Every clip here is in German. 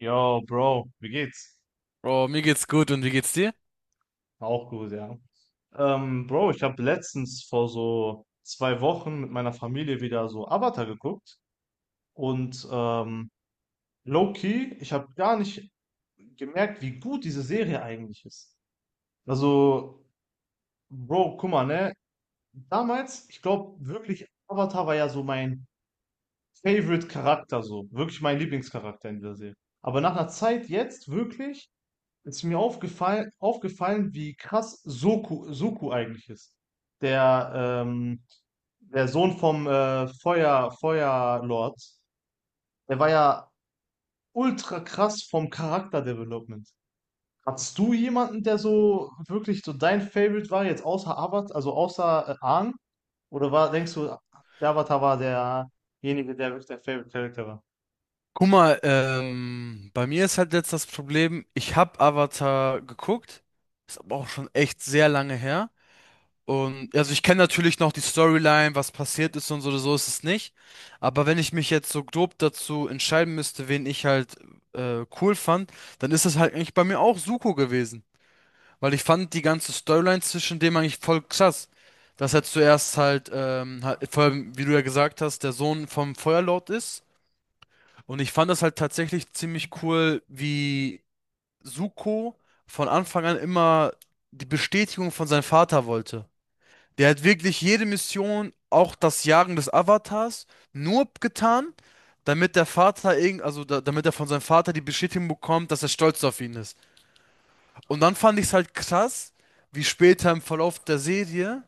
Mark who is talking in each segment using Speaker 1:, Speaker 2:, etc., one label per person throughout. Speaker 1: Yo, Bro, wie geht's?
Speaker 2: Oh, mir geht's gut, und wie geht's dir?
Speaker 1: Auch gut, ja. Bro, ich habe letztens vor so zwei Wochen mit meiner Familie wieder so Avatar geguckt und low-key, ich habe gar nicht gemerkt, wie gut diese Serie eigentlich ist. Also, Bro, guck mal, ne? Damals, ich glaube wirklich, Avatar war ja so mein Favorite Charakter, so. Wirklich mein Lieblingscharakter in dieser Serie. Aber nach einer Zeit jetzt wirklich ist mir aufgefallen, wie krass Soku eigentlich ist. Der, ähm, der Sohn vom Feuerlord, der war ja ultra krass vom Charakterdevelopment. Hattest du jemanden, der so wirklich so dein Favorite war, jetzt außer Avatar, also außer Aang? Oder war, denkst du, der Avatar war derjenige, der wirklich dein Favorite Character war?
Speaker 2: Guck mal, bei mir ist halt jetzt das Problem, ich habe Avatar geguckt, ist aber auch schon echt sehr lange her. Und also ich kenne natürlich noch die Storyline, was passiert ist und so, so ist es nicht. Aber wenn ich mich jetzt so grob dazu entscheiden müsste, wen ich halt cool fand, dann ist es halt eigentlich bei mir auch Zuko gewesen. Weil ich fand die ganze Storyline zwischen dem eigentlich voll krass. Dass er zuerst halt, vor allem, wie du ja gesagt hast, der Sohn vom Feuerlord ist. Und ich fand das halt tatsächlich ziemlich cool, wie Zuko von Anfang an immer die Bestätigung von seinem Vater wollte. Der hat wirklich jede Mission, auch das Jagen des Avatars, nur getan, damit der Vater irgend, also da, damit er von seinem Vater die Bestätigung bekommt, dass er stolz auf ihn ist. Und dann fand ich es halt krass, wie später im Verlauf der Serie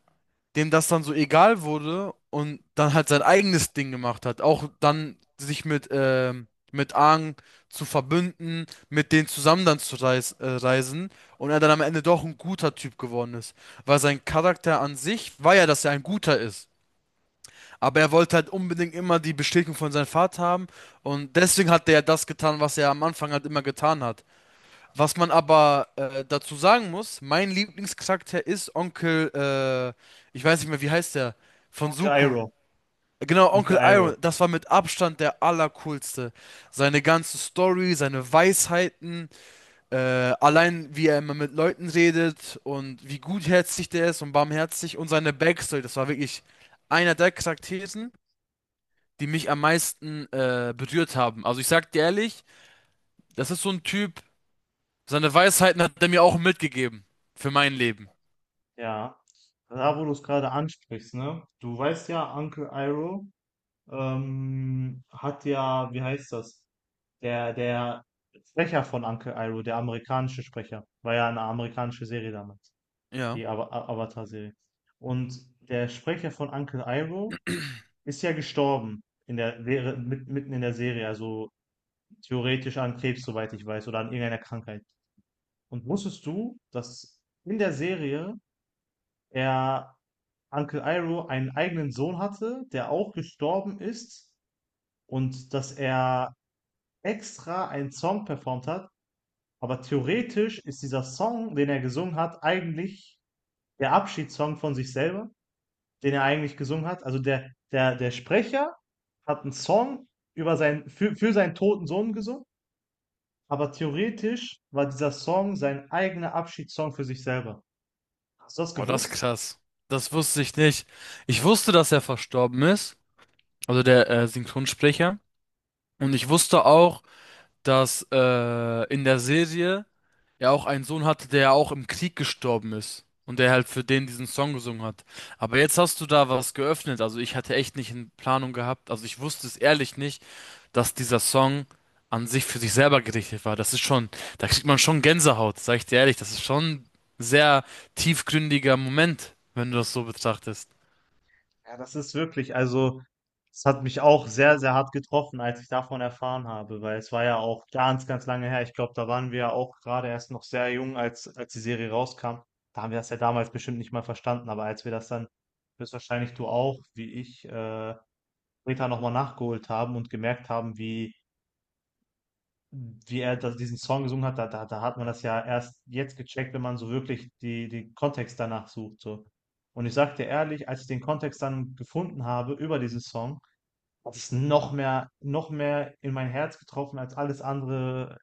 Speaker 2: dem das dann so egal wurde und dann halt sein eigenes Ding gemacht hat. Auch dann sich mit Aang zu verbünden, mit denen zusammen dann zu reis reisen und er dann am Ende doch ein guter Typ geworden ist. Weil sein Charakter an sich war ja, dass er ein guter ist. Aber er wollte halt unbedingt immer die Bestätigung von seinem Vater haben, und deswegen hat er ja das getan, was er am Anfang halt immer getan hat. Was man aber dazu sagen muss, mein Lieblingscharakter ist ich weiß nicht mehr, wie heißt der, von
Speaker 1: Onkel
Speaker 2: Zuko.
Speaker 1: Iroh,
Speaker 2: Genau,
Speaker 1: Onkel
Speaker 2: Onkel
Speaker 1: Iroh.
Speaker 2: Iroh, das war mit Abstand der allercoolste. Seine ganze Story, seine Weisheiten, allein wie er immer mit Leuten redet und wie gutherzig der ist und barmherzig und seine Backstory, das war wirklich einer der Charakteren, die mich am meisten berührt haben. Also ich sag dir ehrlich, das ist so ein Typ. Seine Weisheiten hat er mir auch mitgegeben. Für mein Leben.
Speaker 1: Ja, da wo du es gerade ansprichst, ne? Du weißt ja, Uncle Iroh hat ja, wie heißt das? Der Sprecher von Uncle Iroh, der amerikanische Sprecher, war ja eine amerikanische Serie damals,
Speaker 2: Ja.
Speaker 1: die Avatar-Serie. Und der Sprecher von Uncle Iroh ist ja gestorben in der, mitten in der Serie, also theoretisch an Krebs, soweit ich weiß, oder an irgendeiner Krankheit. Und wusstest du, dass in der Serie er Uncle Iroh einen eigenen Sohn hatte, der auch gestorben ist und dass er extra einen Song performt hat. Aber theoretisch ist dieser Song, den er gesungen hat, eigentlich der Abschiedssong von sich selber, den er eigentlich gesungen hat. Also der Sprecher hat einen Song über seinen, für seinen toten Sohn gesungen, aber theoretisch war dieser Song sein eigener Abschiedssong für sich selber. Hast du das
Speaker 2: Oh, das ist
Speaker 1: gewusst?
Speaker 2: krass. Das wusste ich nicht. Ich wusste, dass er verstorben ist, also der Synchronsprecher. Und ich wusste auch, dass in der Serie er auch einen Sohn hatte, der auch im Krieg gestorben ist. Und der halt für den diesen Song gesungen hat. Aber jetzt hast du da was geöffnet. Also ich hatte echt nicht in Planung gehabt. Also ich wusste es ehrlich nicht, dass dieser Song an sich für sich selber gerichtet war. Das ist schon, da kriegt man schon Gänsehaut, sag ich dir ehrlich. Das ist schon ein sehr tiefgründiger Moment, wenn du das so betrachtest.
Speaker 1: Ja, das ist wirklich, also es hat mich auch sehr, sehr hart getroffen, als ich davon erfahren habe, weil es war ja auch ganz, ganz lange her. Ich glaube, da waren wir ja auch gerade erst noch sehr jung, als die Serie rauskam. Da haben wir das ja damals bestimmt nicht mal verstanden, aber als wir das dann, höchstwahrscheinlich du auch, wie ich, später nochmal nachgeholt haben und gemerkt haben, wie er das, diesen Song gesungen hat, da hat man das ja erst jetzt gecheckt, wenn man so wirklich die, den Kontext danach sucht. So. Und ich sag dir ehrlich, als ich den Kontext dann gefunden habe über diesen Song, hat es noch mehr in mein Herz getroffen als alles andere,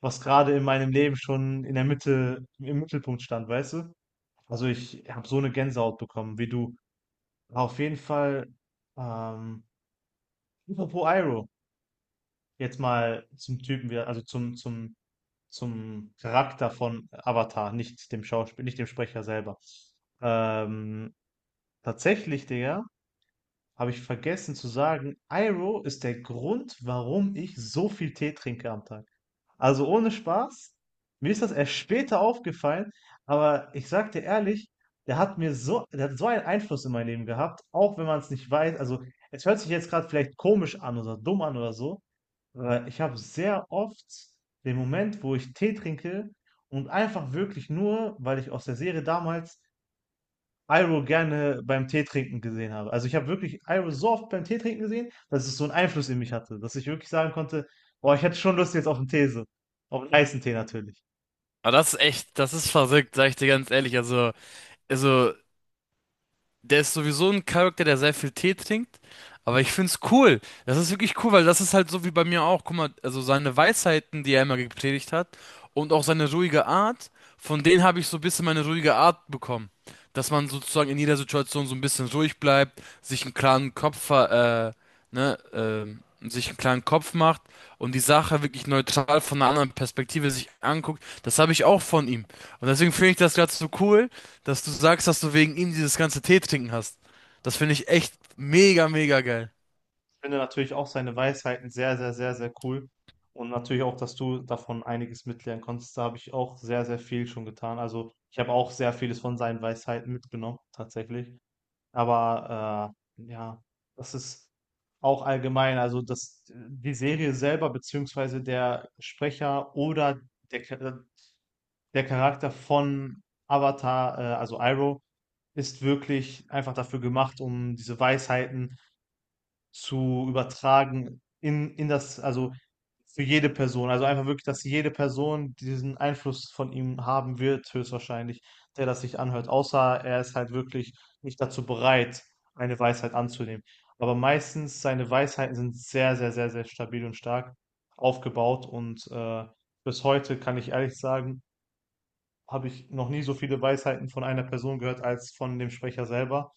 Speaker 1: was gerade in meinem Leben schon in im Mittelpunkt stand, weißt du? Also ich habe so eine Gänsehaut bekommen wie du. Auf jeden Fall, ähm, Liverpool. Jetzt mal zum Typen, wir- Also zum Charakter von Avatar, nicht dem Schauspiel, nicht dem Sprecher selber. Ähm, tatsächlich, Digga, habe ich vergessen zu sagen, Iroh ist der Grund, warum ich so viel Tee trinke am Tag. Also ohne Spaß, mir ist das erst später aufgefallen, aber ich sag dir ehrlich, der hat so einen Einfluss in mein Leben gehabt, auch wenn man es nicht weiß. Also es hört sich jetzt gerade vielleicht komisch an oder dumm an oder so, aber ich habe sehr oft den Moment, wo ich Tee trinke und einfach wirklich nur, weil ich aus der Serie damals Iroh gerne beim Tee trinken gesehen habe. Also ich habe wirklich Iroh so oft beim Tee trinken gesehen, dass es so einen Einfluss in mich hatte, dass ich wirklich sagen konnte, boah, ich hätte schon Lust jetzt auf einen Tee, so. Auf einen heißen Tee natürlich.
Speaker 2: Aber das ist echt, das ist verrückt, sag ich dir ganz ehrlich. Also, der ist sowieso ein Charakter, der sehr viel Tee trinkt. Aber ich find's cool. Das ist wirklich cool, weil das ist halt so wie bei mir auch. Guck mal, also seine Weisheiten, die er immer gepredigt hat, und auch seine ruhige Art, von denen habe ich so ein bisschen meine ruhige Art bekommen. Dass man sozusagen in jeder Situation so ein bisschen ruhig bleibt, sich einen klaren sich einen klaren Kopf macht und die Sache wirklich neutral von einer anderen Perspektive sich anguckt. Das habe ich auch von ihm. Und deswegen finde ich das gerade so cool, dass du sagst, dass du wegen ihm dieses ganze Tee trinken hast. Das finde ich echt mega, mega geil.
Speaker 1: Ich finde natürlich auch seine Weisheiten sehr, cool. Und natürlich auch, dass du davon einiges mitlernen konntest. Da habe ich auch sehr, sehr viel schon getan. Also ich habe auch sehr vieles von seinen Weisheiten mitgenommen, tatsächlich. Aber ja, das ist auch allgemein, also die Serie selber, beziehungsweise der Sprecher oder der, Cha- der Charakter von Avatar, also Iroh, ist wirklich einfach dafür gemacht, um diese Weisheiten zu übertragen in das, also für jede Person. Also einfach wirklich, dass jede Person diesen Einfluss von ihm haben wird, höchstwahrscheinlich, der das sich anhört. Außer er ist halt wirklich nicht dazu bereit, eine Weisheit anzunehmen. Aber meistens seine Weisheiten sind sehr stabil und stark aufgebaut. Und bis heute kann ich ehrlich sagen, habe ich noch nie so viele Weisheiten von einer Person gehört als von dem Sprecher selber,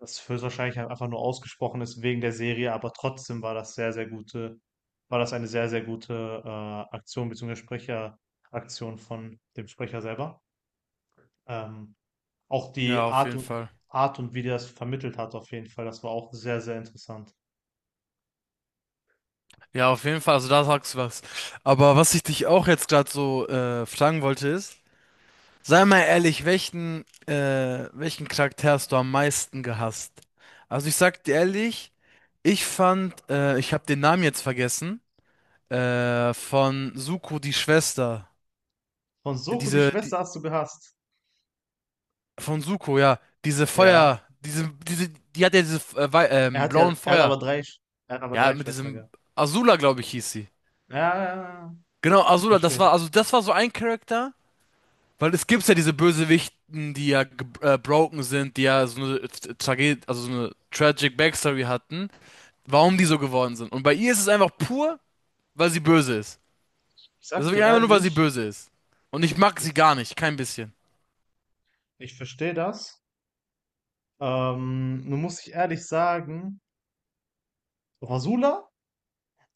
Speaker 1: das höchstwahrscheinlich einfach nur ausgesprochen ist wegen der Serie, aber trotzdem war das sehr, sehr gute, war das eine sehr, sehr gute Aktion beziehungsweise Sprecheraktion von dem Sprecher selber. Ähm, auch
Speaker 2: Ja,
Speaker 1: die
Speaker 2: auf
Speaker 1: Art
Speaker 2: jeden
Speaker 1: und
Speaker 2: Fall.
Speaker 1: Art und wie der das vermittelt hat, auf jeden Fall, das war auch sehr, sehr interessant.
Speaker 2: Ja, auf jeden Fall. Also da sagst du was. Aber was ich dich auch jetzt gerade so fragen wollte ist, sei mal ehrlich, welchen Charakter hast du am meisten gehasst? Also ich sag dir ehrlich, ich habe den Namen jetzt vergessen, von Suko die Schwester.
Speaker 1: Von Soko, die
Speaker 2: Diese, die,
Speaker 1: Schwester hast du gehasst.
Speaker 2: Von Zuko, ja. Diese
Speaker 1: Ja.
Speaker 2: Feuer, die hat ja diese äh, wei-
Speaker 1: Er
Speaker 2: ähm,
Speaker 1: hat ja,
Speaker 2: blauen Feuer.
Speaker 1: er hat aber
Speaker 2: Ja,
Speaker 1: drei
Speaker 2: mit
Speaker 1: Schwestern
Speaker 2: diesem
Speaker 1: gehabt.
Speaker 2: Azula, glaube ich, hieß sie.
Speaker 1: Ja, ja, ja, ja.
Speaker 2: Genau,
Speaker 1: Ich
Speaker 2: Azula, das
Speaker 1: verstehe.
Speaker 2: war, also das war so ein Charakter, weil es gibt ja diese Bösewichten, die ja broken sind, die ja so eine Tragedie, also so eine tragic Backstory hatten, warum die so geworden sind. Und bei ihr ist es einfach pur, weil sie böse ist.
Speaker 1: Ich
Speaker 2: Das
Speaker 1: sag
Speaker 2: ist
Speaker 1: dir
Speaker 2: wirklich einfach nur, weil sie
Speaker 1: ehrlich,
Speaker 2: böse ist. Und ich mag sie
Speaker 1: ich,
Speaker 2: gar nicht, kein bisschen.
Speaker 1: ich verstehe das. Nun muss ich ehrlich sagen, Rasula,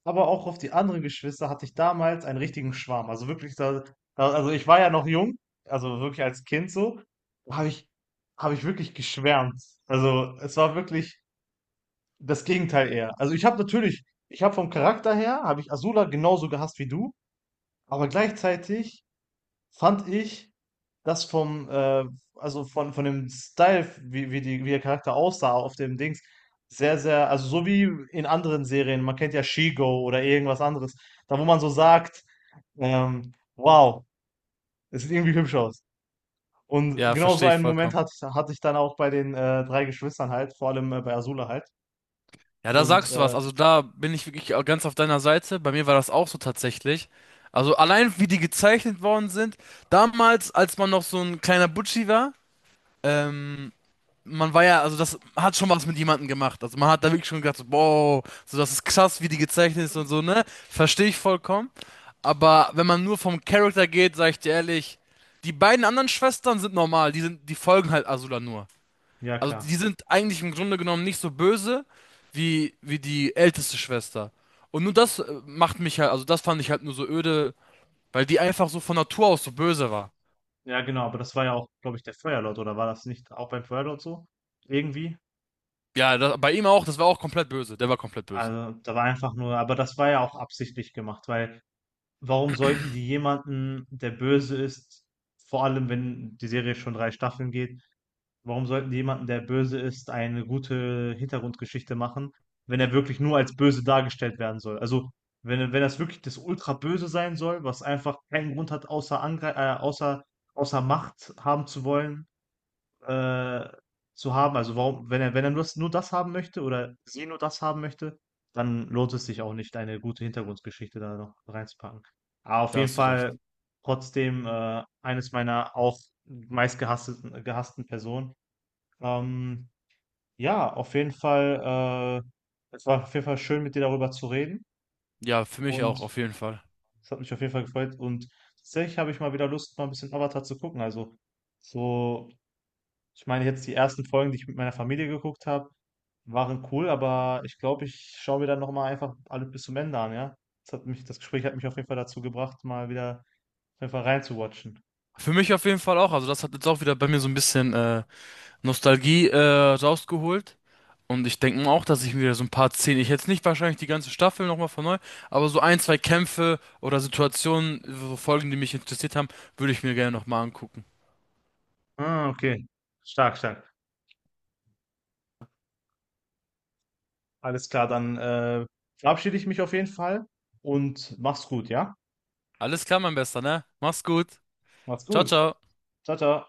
Speaker 1: aber auch auf die anderen Geschwister hatte ich damals einen richtigen Schwarm. Also wirklich, also ich war ja noch jung, also wirklich als Kind so, habe ich, habe ich wirklich geschwärmt. Also es war wirklich das Gegenteil eher. Also ich habe natürlich, ich habe vom Charakter her, habe ich Azula genauso gehasst wie du, aber gleichzeitig fand ich das vom, äh, also von dem Style, wie der Charakter aussah auf dem Dings, sehr, sehr, also so wie in anderen Serien, man kennt ja She-Go oder irgendwas anderes, da wo man so sagt, wow, es sieht irgendwie hübsch aus. Und
Speaker 2: Ja,
Speaker 1: genau so
Speaker 2: verstehe ich
Speaker 1: einen Moment
Speaker 2: vollkommen.
Speaker 1: hatte ich dann auch bei den drei Geschwistern halt, vor allem bei Azula halt.
Speaker 2: Ja, da
Speaker 1: Und
Speaker 2: sagst du was. Also da bin ich wirklich auch ganz auf deiner Seite. Bei mir war das auch so tatsächlich. Also allein wie die gezeichnet worden sind. Damals, als man noch so ein kleiner Butschi war, ähm, man war ja, also das hat schon was mit jemandem gemacht. Also man hat da wirklich schon gedacht, so, wow, so das ist krass, wie die gezeichnet ist und so, ne? Verstehe ich vollkommen. Aber wenn man nur vom Charakter geht, sag ich dir ehrlich, die beiden anderen Schwestern sind normal. Die folgen halt Azula nur.
Speaker 1: ja,
Speaker 2: Also
Speaker 1: klar.
Speaker 2: die sind eigentlich im Grunde genommen nicht so böse wie die älteste Schwester. Und nur das macht mich halt, also das fand ich halt nur so öde, weil die einfach so von Natur aus so böse war.
Speaker 1: Ja, genau, aber das war ja auch, glaube ich, der Feuerlord, oder war das nicht auch beim Feuerlord so? Irgendwie?
Speaker 2: Ja, da, bei ihm auch, das war auch komplett böse. Der war komplett böse.
Speaker 1: Also, da war einfach nur, aber das war ja auch absichtlich gemacht, weil warum sollten die jemanden, der böse ist, vor allem wenn die Serie schon 3 Staffeln geht, warum sollten die jemanden, der böse ist, eine gute Hintergrundgeschichte machen, wenn er wirklich nur als böse dargestellt werden soll? Also, wenn das wirklich das Ultraböse sein soll, was einfach keinen Grund hat, außer Angre außer außer Macht haben zu wollen äh, zu haben. Also warum, wenn er, nur das haben möchte oder sie nur das haben möchte, dann lohnt es sich auch nicht, eine gute Hintergrundgeschichte da noch reinzupacken. Aber auf
Speaker 2: Da
Speaker 1: jeden
Speaker 2: hast du recht.
Speaker 1: Fall trotzdem eines meiner auch meistgehassten gehassten Personen. Ähm, ja, auf jeden Fall, es war auf jeden Fall schön, mit dir darüber zu reden.
Speaker 2: Ja, für mich auch,
Speaker 1: Und
Speaker 2: auf jeden Fall.
Speaker 1: es hat mich auf jeden Fall gefreut. Und tatsächlich habe ich mal wieder Lust, mal ein bisschen Avatar zu gucken. Also so, ich meine jetzt die ersten Folgen, die ich mit meiner Familie geguckt habe, waren cool, aber ich glaube, ich schaue mir dann nochmal einfach alles bis zum Ende an, ja. Das Gespräch hat mich auf jeden Fall dazu gebracht, mal wieder auf jeden Fall reinzuwatchen.
Speaker 2: Für mich auf jeden Fall auch. Also das hat jetzt auch wieder bei mir so ein bisschen Nostalgie rausgeholt. Und ich denke auch, dass ich wieder so ein paar Szenen, ich jetzt nicht wahrscheinlich die ganze Staffel nochmal von neu, aber so ein, zwei Kämpfe oder Situationen, so Folgen, die mich interessiert haben, würde ich mir gerne nochmal angucken.
Speaker 1: Ah, okay. Stark, stark. Alles klar, dann verabschiede ich mich auf jeden Fall und mach's gut, ja?
Speaker 2: Alles klar, mein Bester, ne? Mach's gut.
Speaker 1: Mach's
Speaker 2: Ciao,
Speaker 1: gut.
Speaker 2: ciao.
Speaker 1: Ciao, ciao.